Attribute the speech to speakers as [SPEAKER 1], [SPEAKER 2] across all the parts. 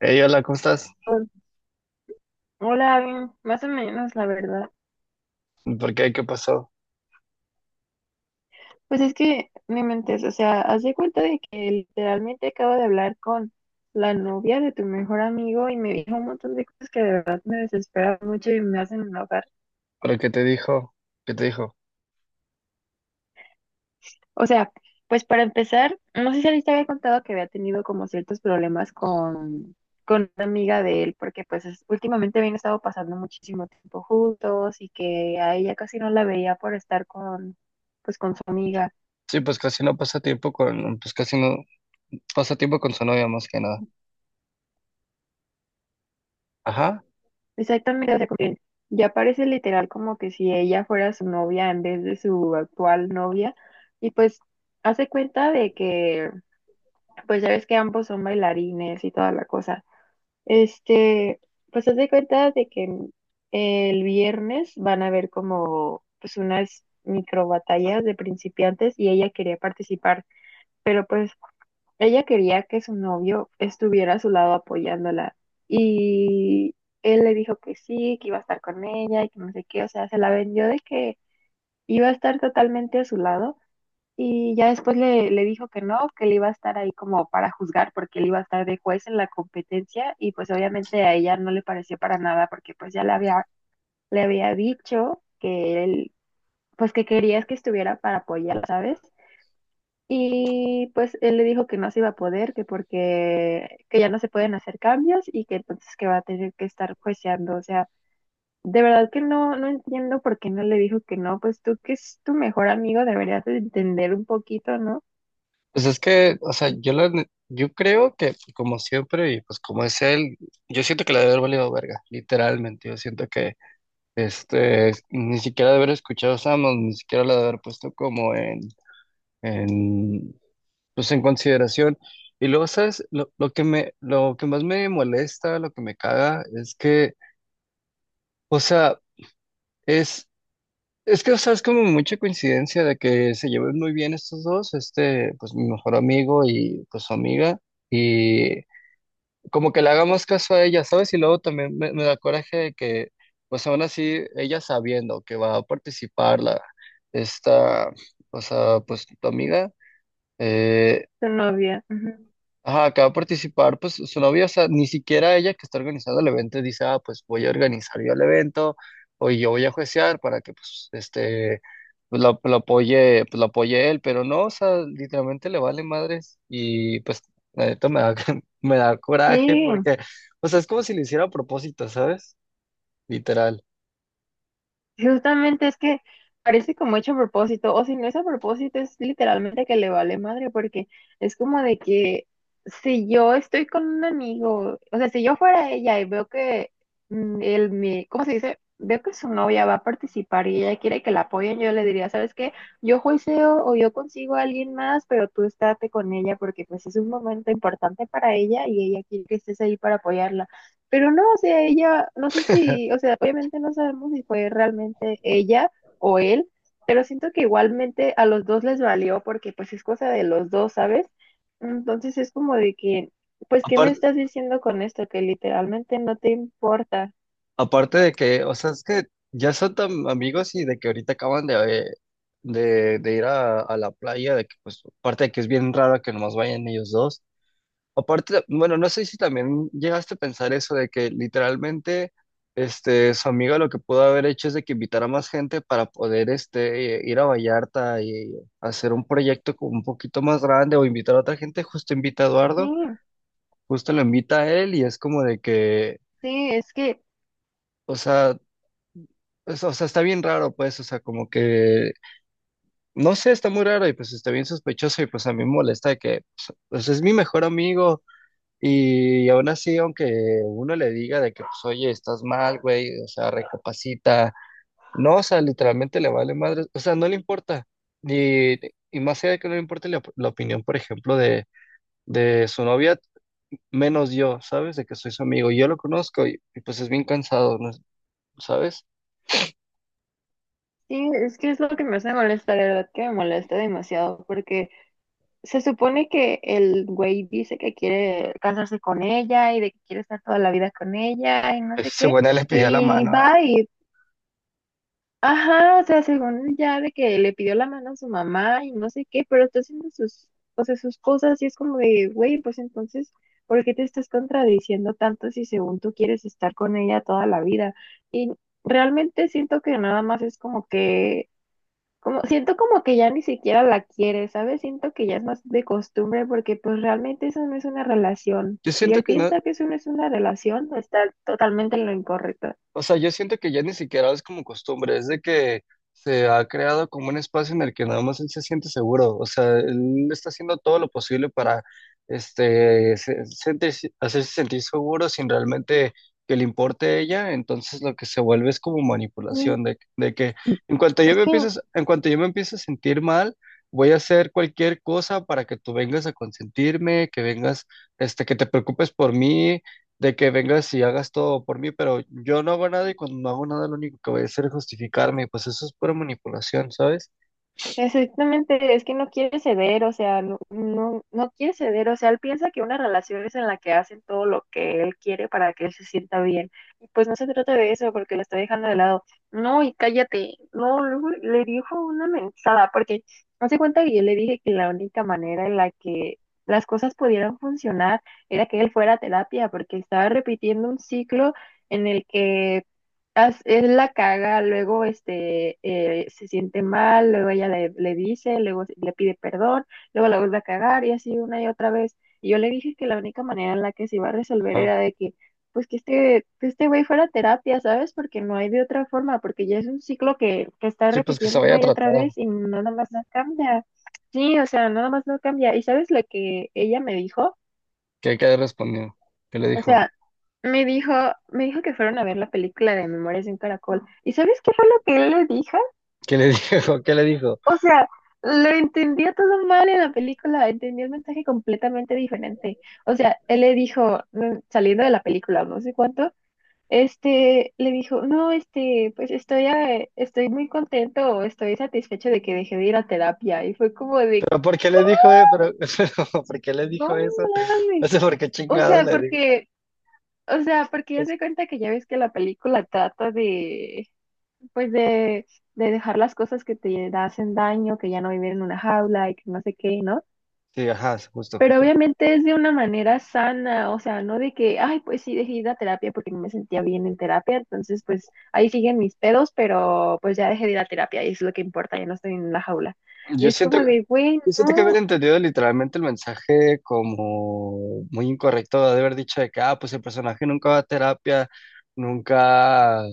[SPEAKER 1] Hey, hola, ¿cómo estás?
[SPEAKER 2] Hola, más o menos, la verdad.
[SPEAKER 1] ¿Por qué? ¿Qué pasó?
[SPEAKER 2] Pues es que me mentes, o sea, haz de cuenta de que literalmente acabo de hablar con la novia de tu mejor amigo y me dijo un montón de cosas que de verdad me desesperan mucho y me hacen enojar.
[SPEAKER 1] ¿Pero qué te dijo? ¿Qué te dijo?
[SPEAKER 2] O sea, pues para empezar, no sé si alguien te había contado que había tenido como ciertos problemas con una amiga de él, porque pues es- últimamente habían estado pasando muchísimo tiempo juntos y que a ella casi no la veía por estar con, pues con su amiga.
[SPEAKER 1] Sí, pues casi no pasa tiempo con, pues casi no pasa tiempo con su novia más que nada. Ajá.
[SPEAKER 2] Exactamente, o sea, como que ya parece literal como que si ella fuera su novia en vez de su actual novia. Y pues hace cuenta de que, pues ya ves que ambos son bailarines y toda la cosa. Este, pues hace cuenta de que el viernes van a haber como pues unas micro batallas de principiantes y ella quería participar, pero pues ella quería que su novio estuviera a su lado apoyándola y él le dijo que sí, que iba a estar con ella y que no sé qué, o sea, se la vendió de que iba a estar totalmente a su lado y ya después le dijo que no, que él iba a estar ahí como para juzgar porque él iba a estar de juez en la competencia y pues obviamente a ella no le pareció para nada porque pues ya le había dicho que él, pues que querías que estuviera para apoyar, ¿sabes? Y pues él le dijo que no se iba a poder, que porque que ya no se pueden hacer cambios y que entonces que va a tener que estar jueceando. O sea, de verdad que no, no entiendo por qué no le dijo que no. Pues tú que es tu mejor amigo deberías de entender un poquito, ¿no?
[SPEAKER 1] Pues es que, o sea, yo creo que como siempre y pues como es él, yo siento que la debe haber valido verga, literalmente. Yo siento que, ni siquiera de haber escuchado a Samos, ni siquiera la de haber puesto como en, pues en consideración. Y luego, ¿sabes? Lo que más me molesta, lo que me caga, es que. O sea, es, o sea, es como mucha coincidencia de que se lleven muy bien estos dos, pues mi mejor amigo y pues su amiga, y como que le hagamos caso a ella, ¿sabes? Y luego también me da coraje de que, pues aún así, ella sabiendo que va a participar esta, o sea, pues tu amiga, eh,
[SPEAKER 2] Tu novia. Ujú.
[SPEAKER 1] ajá, acaba de participar, pues su novia, o sea, ni siquiera ella que está organizando el evento dice, ah, pues voy a organizar yo el evento, o yo voy a juiciar para que, pues, pues lo apoye, pues lo apoye él, pero no, o sea, literalmente le vale madres, y pues, la neta me da coraje,
[SPEAKER 2] Sí,
[SPEAKER 1] porque, o sea, es como si lo hiciera a propósito, ¿sabes? Literal.
[SPEAKER 2] justamente es que parece como hecho a propósito, o si no es a propósito, es literalmente que le vale madre, porque es como de que si yo estoy con un amigo, o sea, si yo fuera ella y veo que él me, ¿cómo se dice? Veo que su novia va a participar y ella quiere que la apoyen, yo le diría, ¿sabes qué? Yo juiceo o yo consigo a alguien más, pero tú estate con ella porque pues es un momento importante para ella y ella quiere que estés ahí para apoyarla. Pero no, o sea, ella, no sé si, o sea, obviamente no sabemos si fue realmente ella o él, pero siento que igualmente a los dos les valió porque pues es cosa de los dos, ¿sabes? Entonces es como de que, pues, ¿qué me estás diciendo con esto? Que literalmente no te importa.
[SPEAKER 1] Aparte de que, o sea, es que ya son tan amigos y de que ahorita acaban de ir a la playa, de que pues, aparte de que es bien raro que nomás vayan ellos dos. Aparte, bueno, no sé si también llegaste a pensar eso de que literalmente, su amiga lo que pudo haber hecho es de que invitara a más gente para poder, ir a Vallarta y hacer un proyecto como un poquito más grande o invitar a otra gente, justo invita a Eduardo,
[SPEAKER 2] Sí,
[SPEAKER 1] justo lo invita a él y es como de que.
[SPEAKER 2] sí, es que,
[SPEAKER 1] O sea, pues, o sea, está bien raro, pues, o sea, como que, no sé, está muy raro y pues está bien sospechoso y pues a mí me molesta de que, pues, pues, es mi mejor amigo y aún así, aunque uno le diga de que, pues, oye, estás mal, güey, o sea, recapacita, no, o sea, literalmente le vale madre, o sea, no le importa. Y, y más allá de que no le importe la, la opinión, por ejemplo, de su novia, menos yo, ¿sabes? De que soy su amigo, yo lo conozco pues es bien cansado, ¿no? ¿Sabes?
[SPEAKER 2] sí, es que es lo que me hace molestar, de verdad que me molesta demasiado porque se supone que el güey dice que quiere casarse con ella y de que quiere estar toda la vida con ella y no sé
[SPEAKER 1] Ese
[SPEAKER 2] qué.
[SPEAKER 1] bueno le pidió la
[SPEAKER 2] Y
[SPEAKER 1] mano. ¿Ah?
[SPEAKER 2] va y, ajá, o sea, según ya de que le pidió la mano a su mamá y no sé qué, pero está haciendo sus, o sea, sus cosas y es como de, güey, pues entonces, ¿por qué te estás contradiciendo tanto si según tú quieres estar con ella toda la vida? Y realmente siento que nada más es como que como, siento como que ya ni siquiera la quiere, ¿sabes? Siento que ya es más de costumbre porque pues realmente eso no es una relación.
[SPEAKER 1] Yo
[SPEAKER 2] Si
[SPEAKER 1] siento
[SPEAKER 2] él
[SPEAKER 1] que no,
[SPEAKER 2] piensa que eso no es una relación, está totalmente en lo incorrecto.
[SPEAKER 1] o sea, yo siento que ya ni siquiera es como costumbre, es de que se ha creado como un espacio en el que nada más él se siente seguro, o sea, él está haciendo todo lo posible para hacerse sentir seguro sin realmente que le importe ella, entonces lo que se vuelve es como
[SPEAKER 2] Sí,
[SPEAKER 1] manipulación de que
[SPEAKER 2] es que
[SPEAKER 1] en cuanto yo me empiezo a sentir mal, voy a hacer cualquier cosa para que tú vengas a consentirme, que vengas, que te preocupes por mí de que vengas y hagas todo por mí, pero yo no hago nada y cuando no hago nada lo único que voy a hacer es justificarme, y pues eso es pura manipulación, ¿sabes?
[SPEAKER 2] exactamente, es que no quiere ceder, o sea, no, no, no quiere ceder, o sea, él piensa que una relación es en la que hacen todo lo que él quiere para que él se sienta bien. Y pues no se trata de eso, porque lo está dejando de lado. No, y cállate, no, luego le dijo una mensada, porque no se cuenta que yo le dije que la única manera en la que las cosas pudieran funcionar era que él fuera a terapia, porque estaba repitiendo un ciclo en el que as- él la caga, luego se siente mal, luego ella le, le dice, luego se- le pide perdón, luego la vuelve a cagar y así una y otra vez. Y yo le dije que la única manera en la que se iba a resolver
[SPEAKER 1] Ajá.
[SPEAKER 2] era de que, pues que este güey fuera a terapia, ¿sabes? Porque no hay de otra forma, porque ya es un ciclo que está
[SPEAKER 1] Sí, pues que se
[SPEAKER 2] repitiendo
[SPEAKER 1] vaya a
[SPEAKER 2] una y otra
[SPEAKER 1] tratar,
[SPEAKER 2] vez y no, nada más no cambia. Sí, o sea, nada más no cambia. ¿Y sabes lo que ella me dijo?
[SPEAKER 1] que quede respondido. ¿Qué le
[SPEAKER 2] O
[SPEAKER 1] dijo?
[SPEAKER 2] sea, me dijo, me dijo que fueron a ver la película de Memorias de un Caracol. ¿Y sabes qué fue lo que él le dijo?
[SPEAKER 1] ¿Qué le dijo? ¿Qué le dijo?
[SPEAKER 2] O sea, lo entendía todo mal en la película, entendía el mensaje completamente diferente. O sea, él le dijo, saliendo de la película, no sé cuánto, este, le dijo, no, este, pues estoy, estoy muy contento o estoy satisfecho de que dejé de ir a terapia. Y fue como de,
[SPEAKER 1] ¿Pero por qué le dijo, eh? ¿Pero, pero por qué le
[SPEAKER 2] no
[SPEAKER 1] dijo eso?
[SPEAKER 2] mames.
[SPEAKER 1] No sé por qué
[SPEAKER 2] O
[SPEAKER 1] chingados
[SPEAKER 2] sea,
[SPEAKER 1] le dijo
[SPEAKER 2] porque, o sea, porque ya
[SPEAKER 1] eso.
[SPEAKER 2] se cuenta que ya ves que la película trata de pues de dejar las cosas que te hacen daño, que ya no vivir en una jaula y que no sé qué, ¿no?
[SPEAKER 1] Sí, ajá, justo,
[SPEAKER 2] Pero
[SPEAKER 1] justo.
[SPEAKER 2] obviamente es de una manera sana, o sea, no de que, ay, pues sí, dejé de ir a terapia porque no me sentía bien en terapia, entonces pues ahí siguen mis pedos, pero pues ya dejé de ir a terapia y eso es lo que importa, ya no estoy en la jaula. Y
[SPEAKER 1] Yo
[SPEAKER 2] es
[SPEAKER 1] siento,
[SPEAKER 2] como de,
[SPEAKER 1] Yo
[SPEAKER 2] güey,
[SPEAKER 1] siento que haber
[SPEAKER 2] no,
[SPEAKER 1] entendido literalmente el mensaje como muy incorrecto de haber dicho de que, ah, pues el personaje nunca va a terapia, nunca,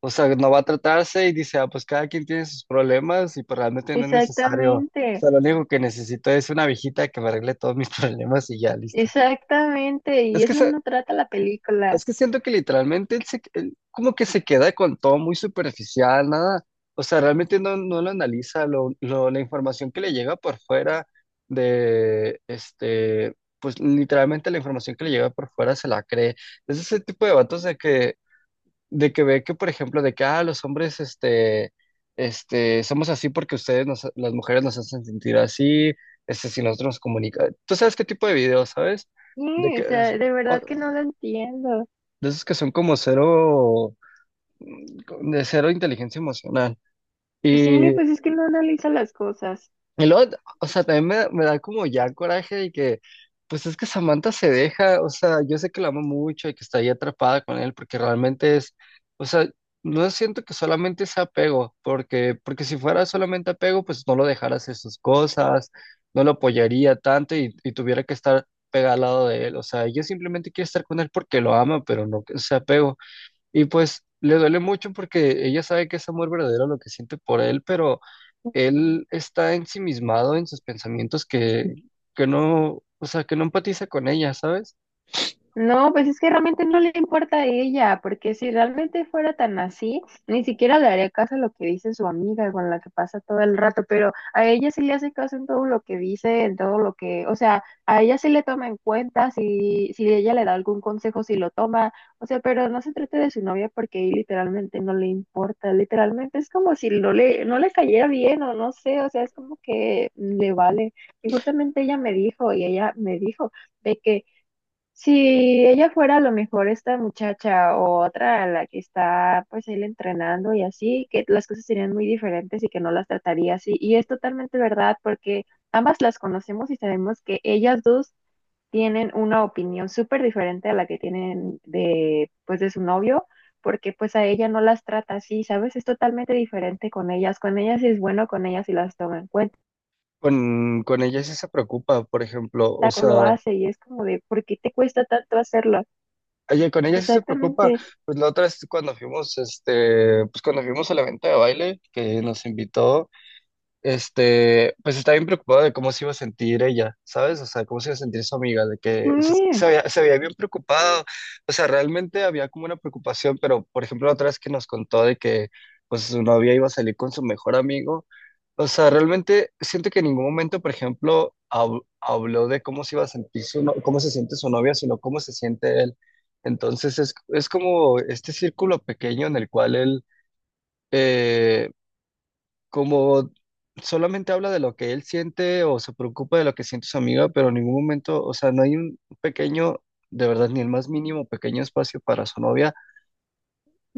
[SPEAKER 1] o sea, no va a tratarse y dice, ah, pues cada quien tiene sus problemas y pues realmente no es necesario. O
[SPEAKER 2] exactamente,
[SPEAKER 1] sea, lo único que necesito es una viejita que me arregle todos mis problemas y ya, listo.
[SPEAKER 2] exactamente, y
[SPEAKER 1] Es que,
[SPEAKER 2] eso no trata la película.
[SPEAKER 1] es que siento que literalmente él como que
[SPEAKER 2] Sí,
[SPEAKER 1] se queda con todo muy superficial, nada. O sea, realmente no lo analiza, la información que le llega por fuera de, este, pues literalmente la información que le llega por fuera se la cree. Es ese tipo de vatos de que, ve que, por ejemplo, de que, ah, los hombres, somos así porque ustedes, las mujeres nos hacen sentir así, si nosotros nos comunicamos. ¿Tú sabes qué tipo de videos, sabes? De
[SPEAKER 2] o
[SPEAKER 1] que,
[SPEAKER 2] sea, de verdad que no lo entiendo.
[SPEAKER 1] de esos que son como de cero inteligencia emocional.
[SPEAKER 2] Sí,
[SPEAKER 1] Y,
[SPEAKER 2] pues es que no analiza las cosas.
[SPEAKER 1] y luego, o sea, también me da como ya coraje de que, pues es que Samantha se deja, o sea, yo sé que la amo mucho y que está ahí atrapada con él, porque realmente es, o sea, no siento que solamente sea apego, porque si fuera solamente apego, pues no lo dejara hacer sus cosas, no lo apoyaría tanto y tuviera que estar pegada al lado de él, o sea, ella simplemente quiere estar con él porque lo ama, pero no que sea apego. Y pues le duele mucho porque ella sabe que es amor verdadero lo que siente por él, pero él está ensimismado en sus pensamientos que no, o sea, que no empatiza con ella, ¿sabes?
[SPEAKER 2] No, pues es que realmente no le importa a ella, porque si realmente fuera tan así, ni siquiera le haría caso a lo que dice su amiga con la que pasa todo el rato, pero a ella sí le hace caso en todo lo que dice, en todo lo que, o sea, a ella sí le toma en cuenta, si, si ella le da algún consejo, si lo toma, o sea, pero no se trate de su novia porque ahí literalmente no le importa, literalmente es como si no le, no le cayera bien o no sé, o sea, es como que le vale. Y justamente ella me dijo de que si ella fuera a lo mejor esta muchacha o otra a la que está pues él entrenando y así, que las cosas serían muy diferentes y que no las trataría así. Y es totalmente verdad porque ambas las conocemos y sabemos que ellas dos tienen una opinión súper diferente a la que tienen de pues de su novio, porque pues a ella no las trata así, ¿sabes? Es totalmente diferente con ellas. Con ellas es bueno, con ellas y las toma en cuenta,
[SPEAKER 1] Con ella sí se preocupa, por ejemplo, o sea,
[SPEAKER 2] lo hace y es como de, ¿por qué te cuesta tanto hacerlo?
[SPEAKER 1] con ella sí se preocupa,
[SPEAKER 2] Exactamente.
[SPEAKER 1] pues la otra es cuando fuimos al evento de baile que nos invitó. Pues estaba bien preocupada de cómo se iba a sentir ella, ¿sabes? O sea, cómo se iba a sentir su amiga, de que
[SPEAKER 2] Sí.
[SPEAKER 1] se había bien preocupado, o sea, realmente había como una preocupación, pero por ejemplo, la otra vez que nos contó de que pues su novia iba a salir con su mejor amigo, o sea, realmente siento que en ningún momento, por ejemplo, habló de cómo se iba a sentir su, no- cómo se siente su novia, sino cómo se siente él. Entonces es como este círculo pequeño en el cual él, eh, como solamente habla de lo que él siente o se preocupa de lo que siente su amiga, pero en ningún momento, o sea, no hay un pequeño, de verdad, ni el más mínimo pequeño espacio para su novia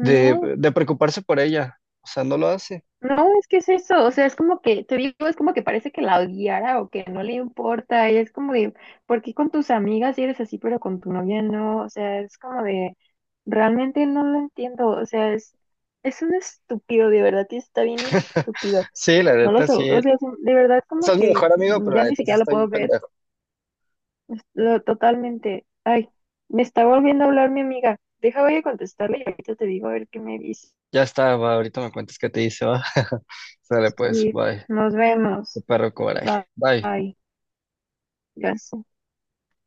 [SPEAKER 1] de, de preocuparse por ella. O sea, no lo hace.
[SPEAKER 2] no, es que es eso, o sea, es como que, te digo, es como que parece que la odiara o que no le importa, y es como de, ¿por qué con tus amigas sí eres así, pero con tu novia no? O sea, es como de, realmente no lo entiendo, o sea, es un estúpido, de verdad, y está bien estúpido,
[SPEAKER 1] Sí, la
[SPEAKER 2] no lo
[SPEAKER 1] neta,
[SPEAKER 2] sé,
[SPEAKER 1] sí.
[SPEAKER 2] o sea, es un- de verdad,
[SPEAKER 1] O
[SPEAKER 2] como
[SPEAKER 1] sea, es mi
[SPEAKER 2] que
[SPEAKER 1] mejor amigo, pero la
[SPEAKER 2] ya ni
[SPEAKER 1] neta sí
[SPEAKER 2] siquiera lo
[SPEAKER 1] está bien
[SPEAKER 2] puedo ver,
[SPEAKER 1] pendejo.
[SPEAKER 2] es lo- totalmente, ay, me está volviendo a hablar mi amiga, deja, voy a contestarle y ahorita te digo a ver qué me dice.
[SPEAKER 1] Ya está, va, ahorita me cuentas qué te dice, va. Sale pues,
[SPEAKER 2] Sí,
[SPEAKER 1] bye.
[SPEAKER 2] nos
[SPEAKER 1] Qué
[SPEAKER 2] vemos.
[SPEAKER 1] perro coraje. Bye.
[SPEAKER 2] Bye. Gracias.